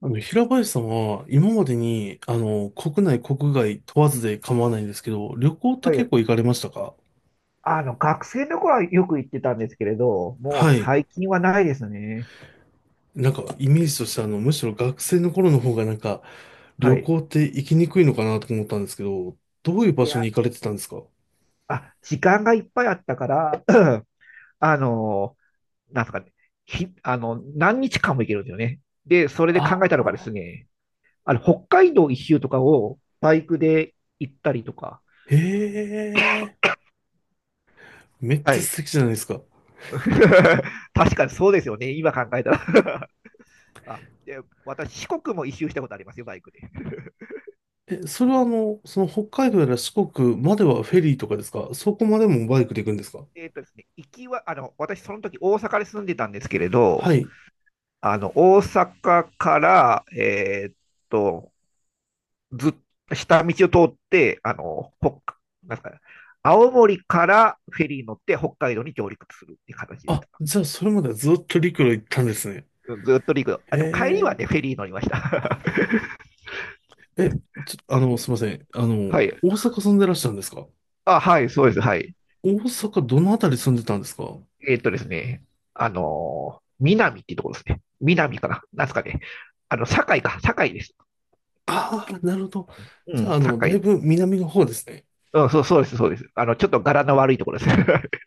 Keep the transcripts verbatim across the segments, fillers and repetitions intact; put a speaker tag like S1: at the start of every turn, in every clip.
S1: あの、平林さんは今までに、あの、国内、国外問わずで構わないんですけど、旅行って
S2: は
S1: 結
S2: い。
S1: 構行かれましたか？
S2: あの、学生の頃はよく行ってたんですけれど、もう
S1: はい。
S2: 最近はないですね。
S1: なんか、イメージとしてあの、むしろ学生の頃の方がなんか、
S2: は
S1: 旅
S2: い。
S1: 行って行きにくいのかなと思ったんですけど、どういう場
S2: い
S1: 所に
S2: や、
S1: 行かれてたんですか？
S2: あ、時間がいっぱいあったから、あの、なんすかね、ひ、あの、何日間も行けるんですよね。で、それで
S1: あ
S2: 考えたのがです
S1: あ
S2: ね、あの、北海道一周とかをバイクで行ったりとか。
S1: ー。へえ、めっ
S2: は
S1: ちゃ
S2: い。
S1: 素敵じゃないですか。
S2: 確かにそうですよね。今考えたら、 あ、で、私、四国も一周したことありますよ、バイクで。
S1: え、それはあの、その北海道やら四国まではフェリーとかですか？そこまでもバイクで行くんですか？
S2: えっとですね、行きは、あの、私、その時大阪で住んでたんですけれど、
S1: はい。
S2: あの、大阪から、えーっと、ずっと下道を通って、あの、北、なんすかね、青森からフェリーに乗って北海道に上陸するっていう形でし
S1: あ、
S2: た。
S1: じゃあそれまではずっと陸路行ったんですね。
S2: ずっと陸路。あ、
S1: へ
S2: でも帰りはね、フ
S1: え。
S2: ェリー乗りました。
S1: え、ちょ、あの、すいません。あの、
S2: はい。
S1: 大阪住んでらっしゃるんですか？
S2: あ、はい、そうです。はい。
S1: 大阪どのあたり住んでたんですか？
S2: えーっとですね、あのー、南っていうところですね。南かな。なんですかね。あの、堺か。堺です。
S1: ああー、なるほど。
S2: う
S1: じゃあ、
S2: ん、
S1: あの、だい
S2: 堺。
S1: ぶ南の方ですね。
S2: うん、そう、そうです、そうです。あの、ちょっと柄の悪いところですね。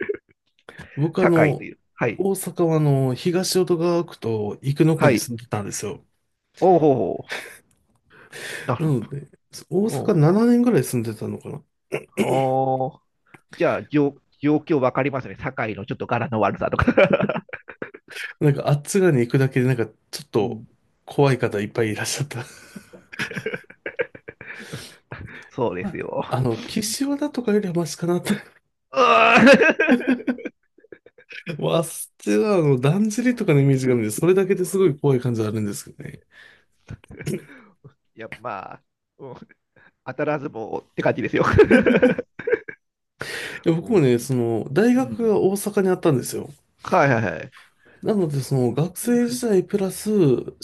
S1: 僕、あ
S2: 堺と
S1: の、
S2: いう。はい。
S1: 大阪は、あの、東淀川区と生野区
S2: は
S1: に
S2: い。
S1: 住んでたんですよ。
S2: おうほうほう。なる
S1: な
S2: ほ
S1: ので、大阪
S2: ど。
S1: ななねんぐらい住んでたのかな？
S2: おう。あー、じゃあ、状、状況わかりますね。堺のちょっと柄の悪さとか。
S1: なんか、あっち側に行くだけで、なんか、ちょっ
S2: う
S1: と
S2: ん、
S1: 怖い方いっぱいいらっしゃった。
S2: そうです
S1: あ
S2: よ。
S1: あの、岸和田とかよりはマシかなと。
S2: うー、
S1: わあそっはあの、だんじりとかのイメージがあるんで、それだけ
S2: う
S1: ですご
S2: ん、
S1: い怖い感じはあるんですけどね。
S2: いや、まあ、うん、当たらずもって感じですよ。
S1: いや、僕もね、その、大
S2: う
S1: 学
S2: ん。
S1: が大阪にあったんですよ。
S2: はいはいはい。
S1: なので、その、学生時代プラス、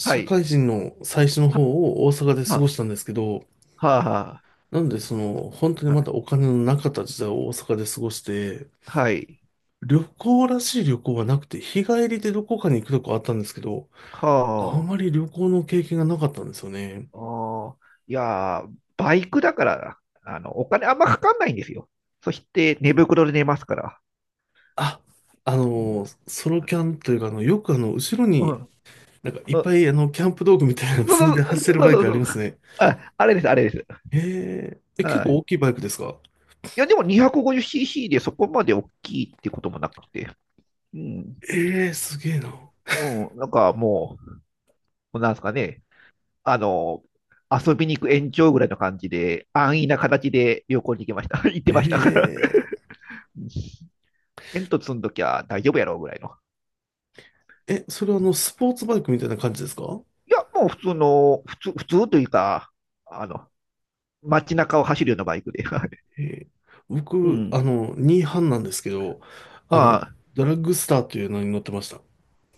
S2: はい。
S1: 会人の最初の方を大阪で過ご
S2: は、
S1: したんですけど、
S2: は、は、
S1: なので、その、本当に
S2: は
S1: ま
S2: い。
S1: だお金のなかった時代を大阪で過ごして、
S2: はい、
S1: 旅行らしい旅行はなくて、日帰りでどこかに行くとこあったんですけど、
S2: は
S1: あま
S2: あ、
S1: り旅行の経験がなかったんですよね。
S2: おー、いやー、バイクだから、あの、お金あんまかかんないんですよ。そして、寝袋で寝ますから。
S1: ああ
S2: うん。
S1: の、ソロキャンというか、あの、よくあの、後ろ
S2: う
S1: に
S2: ん。
S1: なんかいっ
S2: うん、
S1: ぱいあの、キャンプ道具みたいなの
S2: そ
S1: 積んで
S2: うそう
S1: 走る
S2: そう
S1: バイ
S2: そう
S1: クあ
S2: そ
S1: り
S2: う。
S1: ますね。
S2: あ、あれです、あれです。
S1: ええ、え、
S2: う
S1: 結構
S2: ん。
S1: 大きいバイクですか？
S2: いや、でも にひゃくごじゅうシーシー でそこまで大きいってこともなくて。うん。
S1: ええ、すげえな。
S2: うん。なんかもう、なんですかね。あの、遊びに行く延長ぐらいの感じで、安易な形で旅行に行きました。行ってましたから。
S1: え
S2: テント積んどきゃ大丈夫やろうぐらいの。
S1: え、え、それはあの、スポーツバイクみたいな感じですか？
S2: いや、もう普通の、普通、普通というか、あの、街中を走るようなバイクで。はい。
S1: ええ、
S2: う
S1: 僕、あ
S2: ん。
S1: の、ニーハンなんですけど、あの、
S2: あ
S1: ドラッグスターというのに乗ってました。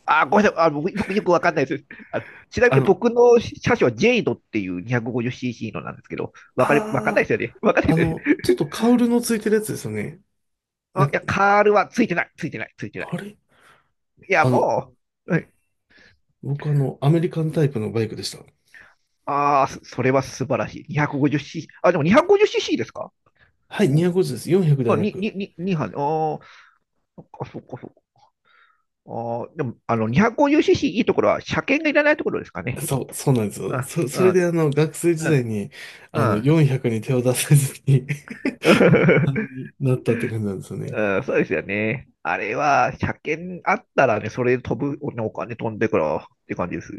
S2: あ、あごめんなさい。あの、僕よくわかんないです。あの、ちなみ
S1: あ
S2: に
S1: の、
S2: 僕の車種はジェイドっていう にひゃくごじゅうシーシー のなんですけど、わかれ、わかんないで
S1: あ
S2: すよね。わかんな
S1: あ、
S2: い
S1: あ
S2: ですよ
S1: の、
S2: ね。
S1: ちょっとカウルのついてるやつですよね。な、
S2: あ、いや、カールはついてない、ついてない、ついてない。
S1: あれ
S2: いや、
S1: あの、
S2: もう、はい、
S1: 僕あの、アメリカンタイプのバイクでした。
S2: ああ、そそれは素晴らしい。にひゃくごじゅうシーシー。あ、でも にひゃくごじゅうシーシー ですか？
S1: はい、
S2: うん。
S1: にひゃくごじゅうです。よんひゃくでは
S2: あ、
S1: な
S2: に、に、
S1: く。
S2: に、にー班。ああ、そっかそっかそ、おー、でも、あの、にひゃくごじゅうシーシー いいところは、車検がいらないところですかね。
S1: そう、そうなんですよ。
S2: あ、
S1: そ、
S2: う
S1: それで
S2: ん、
S1: あの、学生時
S2: う
S1: 代
S2: ん、
S1: に、
S2: う
S1: あの、
S2: ん。
S1: よんひゃくに手を出せずに う班 になったって感じなんですよね。
S2: うん、そうですよね。あれは、車検あったらね、それで飛ぶ、ねお金飛んでからって感じです。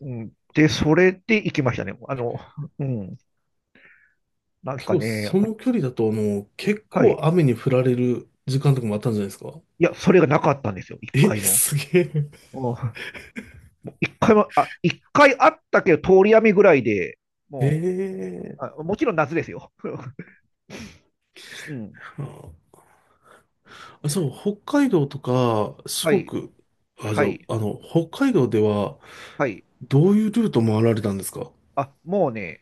S2: うん、で、それで行きましたね。あの、うん、なんです
S1: 結
S2: か
S1: 構、
S2: ね。
S1: そ
S2: あ、
S1: の距離だと、あの、結
S2: は
S1: 構
S2: い。
S1: 雨に降られる時間とかもあったんじゃないですか？
S2: いや、それがなかったんですよ、一
S1: え、
S2: 回も。
S1: すげえ。
S2: うん、一回も、あ、一回あったけど、通り雨ぐらいで、
S1: え
S2: も
S1: え、
S2: う、あ、もちろん夏ですよ。うん、
S1: あ、そう、北海道とか、四
S2: はい、
S1: 国、あ、じ
S2: は
S1: ゃあ、
S2: い、
S1: あの、北海道では、
S2: はい。
S1: どういうルート回られたんですか？
S2: あ、もうね、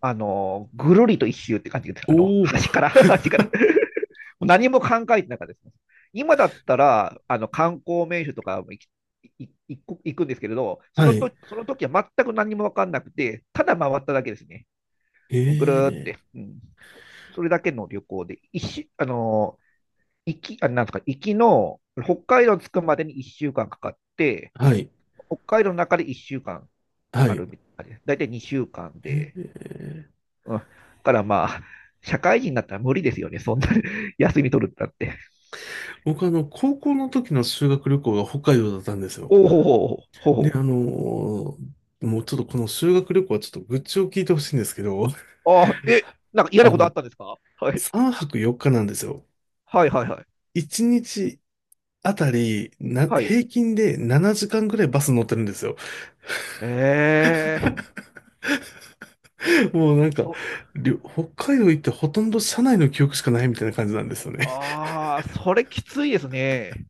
S2: あの、ぐるりと一周って感じです。
S1: お
S2: あの、
S1: お
S2: 端
S1: ー、
S2: から、端から。何も考えてなかったです。今だったら、あの、観光名所とかも行きい行く行くんですけれど、そ
S1: は
S2: のと、
S1: い。
S2: その時は全く何も分かんなくて、ただ回っただけですね。ぐるーっ
S1: ええ、
S2: て。うん。それだけの旅行で、一周、あの、行き、あ、なんですか、行きの、北海道着くまでにいっしゅうかんかんかかって、
S1: はい、
S2: 北海道の中でいっしゅうかんかんか
S1: は
S2: か
S1: い。
S2: るみたいな感じです。だいたいにしゅうかんで、
S1: ええ、
S2: うん。だからまあ、社会人になったら無理ですよね。そんな、 休み取るってなって。
S1: 僕あの、高校の時の修学旅行が北海道だったんですよ。
S2: おお、ほうほほ
S1: で、あ
S2: ほ、
S1: のーもうちょっとこの修学旅行はちょっと愚痴を聞いてほしいんですけど、
S2: ああ、え、なんか嫌な
S1: あ
S2: ことあっ
S1: の、
S2: たんですか？はい。
S1: さんぱくよっかなんですよ。
S2: はいはいはい。
S1: いちにちあたり、な、
S2: はい。
S1: 平均でななじかんぐらいバス乗ってるんですよ。
S2: ええ
S1: もうなんか、
S2: と、
S1: りょ北海道行ってほとんど車内の記憶しかないみたいな感じなんですよね。
S2: ああ、それきついですね。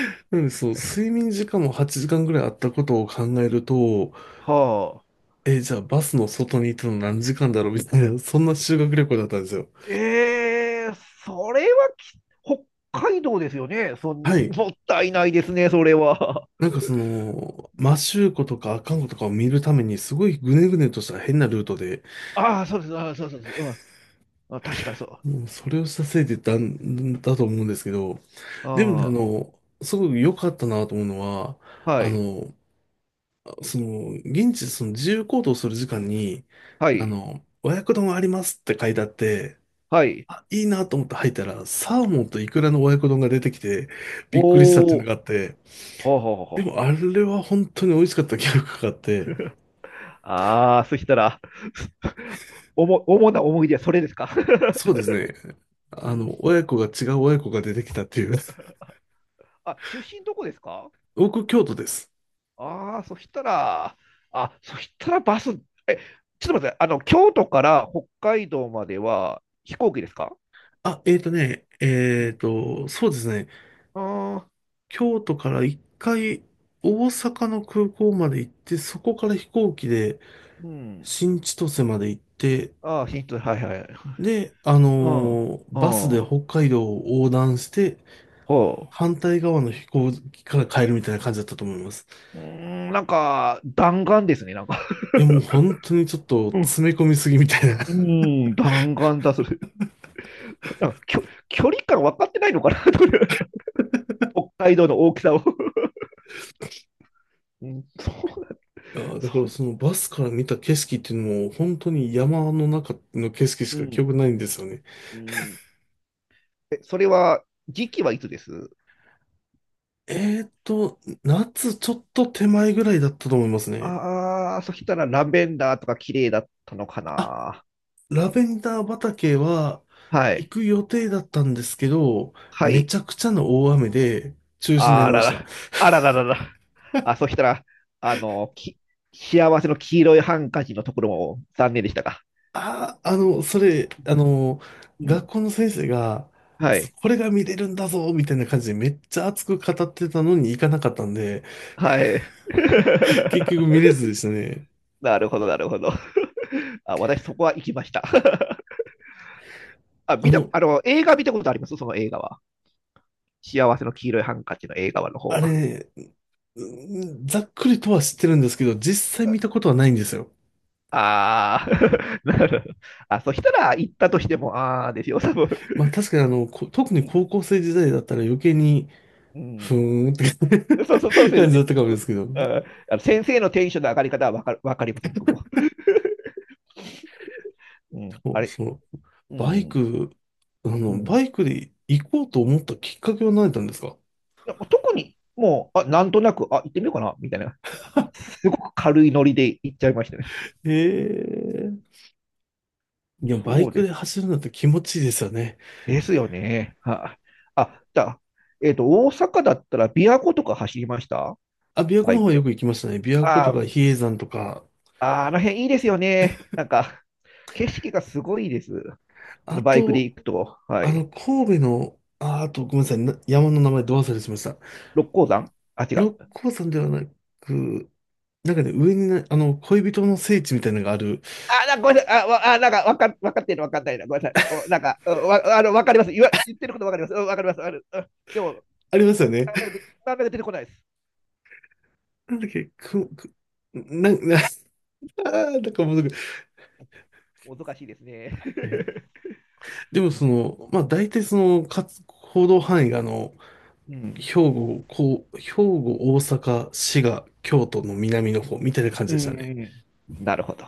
S1: なので、そう、睡眠時間もはちじかんぐらいあったことを考えると、
S2: はあ。
S1: え、じゃあバスの外にいたの何時間だろうみたいな、そんな修学旅行だったんですよ。
S2: ええ、それはき、北海道ですよね。そ
S1: は
S2: ん、
S1: い。
S2: もったいないですね、それは。
S1: なんかその、摩周湖とか阿寒湖とかを見るために、すごいぐねぐねとした変なルートで、
S2: ああ、そうです、ああ、そうそうそう、うん。あ、確かにそう。
S1: もうそれをしたせいでだだと思うんですけど、でもね、あ
S2: あ
S1: の、すごく良かったなと思うのは、
S2: あ、は
S1: あ
S2: い、
S1: の、その、現地でその自由行動する時間に、
S2: は
S1: あ
S2: い、
S1: の、和訳丼ありますって書いてあって、
S2: はい。
S1: あ、いいなと思って入ったら、サーモンとイクラの和訳丼が出てきて、びっくりしたってい
S2: お
S1: うの
S2: お、
S1: があって、
S2: ほうほうほうほう。
S1: でもあれは本当に美味しかった記憶があって、
S2: ああ、そしたら、おも、主な思い出はそれですか？
S1: そうですね。
S2: う
S1: あの、
S2: ん、
S1: 親子が違う親子が出てきたっていう。
S2: あ、出身どこですか？
S1: 僕、京都です。
S2: ああー、そしたら、あ、そしたらバス、え、ちょっと待って、あの、京都から北海道までは飛行機ですか？
S1: あ、えーとね、
S2: う
S1: え
S2: ん、
S1: ーと、そうですね。
S2: ああ、
S1: 京都から一回、大阪の空港まで行って、そこから飛行機で
S2: うん。
S1: 新千歳まで行って、
S2: ああ、ヒンはいはい。
S1: で、あ
S2: うん、うん、
S1: のーバスで
S2: ほ
S1: 北海道を横断して、反対側の飛行機から帰るみたいな感じだったと思います。
S2: う。うーん、なんか、弾丸ですね、なんか。
S1: いや、もう本当にちょっと
S2: う
S1: 詰
S2: ん、
S1: め込みすぎみたいな。
S2: うん、弾丸だ、それ。なんか、きょ、距離感分かってないのかな、という北海道の大きさを。うん、そう、
S1: いやー、だか
S2: そ
S1: ら
S2: う。
S1: そのバスから見た景色っていうのも、本当に山の中の景色し
S2: う
S1: か記
S2: ん、
S1: 憶ないんですよね。
S2: うん。え、それは、時期はいつです？
S1: えーっと、夏ちょっと手前ぐらいだったと思いますね。
S2: ああ、そしたらラベンダーとか綺麗だったのか
S1: あ、
S2: な。
S1: ラベンダー畑は
S2: は
S1: 行
S2: い。
S1: く予定だったんですけど、
S2: は
S1: めちゃ
S2: い。
S1: くちゃの大雨で中止にな
S2: あ
S1: りま
S2: ら
S1: した。
S2: ら、あらららら。あ、そしたら、あの、き、幸せの黄色いハンカチのところも残念でしたか？
S1: ああ、あの、それ、あの、
S2: う
S1: 学
S2: ん。
S1: 校の先生が、
S2: はい。
S1: これが見れるんだぞ、みたいな感じでめっちゃ熱く語ってたのに行かなかったんで、
S2: はい。
S1: 結局見れずでしたね。
S2: なるほど、なるほど。あ、私そこは行きました。あ、
S1: あ
S2: 見た、
S1: の、
S2: あの、映画見たことあります？その映画は。幸せの黄色いハンカチの映画の方
S1: あ
S2: は。
S1: れね、うん、ざっくりとは知ってるんですけど、実際見たことはないんですよ。
S2: ああ、なるほど。あ、そしたら行ったとしても、ああですよ、多分。
S1: まあ確かにあの、こ特に
S2: うん。
S1: 高校生時代だったら余計に、
S2: う
S1: ふ
S2: ん、
S1: ーんって
S2: そうそう、そう で
S1: 感
S2: す
S1: じだっ
S2: ね。
S1: たかも
S2: そ
S1: で
S2: う、
S1: すけど、
S2: ああの先生のテンションの上がり方はわかる、わかります、僕も。うん。
S1: そ
S2: あ
S1: う
S2: れ、
S1: そう、
S2: う
S1: バイ
S2: ん。
S1: ク、あ
S2: う
S1: の、
S2: ん。
S1: バイクで行こうと思ったきっかけは何だったんですか？
S2: なんか特に、もう、あ、なんとなく、あ、行ってみようかな、みたいな。すごく軽いノリで行っちゃいましたね。
S1: ええー、でもバイ
S2: そう
S1: ク
S2: で
S1: で
S2: す。
S1: 走るのって気持ちいいですよね。
S2: ですよね。はあ、あ、じゃあ、えっと、大阪だったら、琵琶湖とか走りました？
S1: あ、琵琶湖
S2: バ
S1: の
S2: イ
S1: 方
S2: ク
S1: はよ
S2: で。
S1: く行きましたね。琵琶湖
S2: あ
S1: と
S2: あ、
S1: か比叡山とか、
S2: あー、あの辺いいですよね。なんか、景色がすごいです。の
S1: あ
S2: バイクで
S1: と、
S2: 行くと、は
S1: あの、
S2: い。
S1: 神戸の、あ、あとごめんなさい、な山の名前ど忘れしました。
S2: 六甲山、あ、違う。
S1: 六甲山ではなく、なんかね、上にね、あの、恋人の聖地みたいなのがある、
S2: あ、なごめんなさい。あ、わあ、なんか、わか、わかってるのわかんないな。ごめんなさい。お、なんか、おわ、あの、わかります。言わ、言ってることわかります。うん、わかります。ある。うん、でも、
S1: ありますよね。
S2: なかなか出てなかなか出てこないです。
S1: なんだっけ、く、く、な、な、あーなんかもうすぐ、
S2: おどかしいですね。
S1: えー でもその、まあ大体その、かつ、行動範囲があの、
S2: うん。
S1: 兵庫、こう、兵庫、大阪、滋賀、京都の南の方みたいな感
S2: う
S1: じでしたね。
S2: ん。なるほど。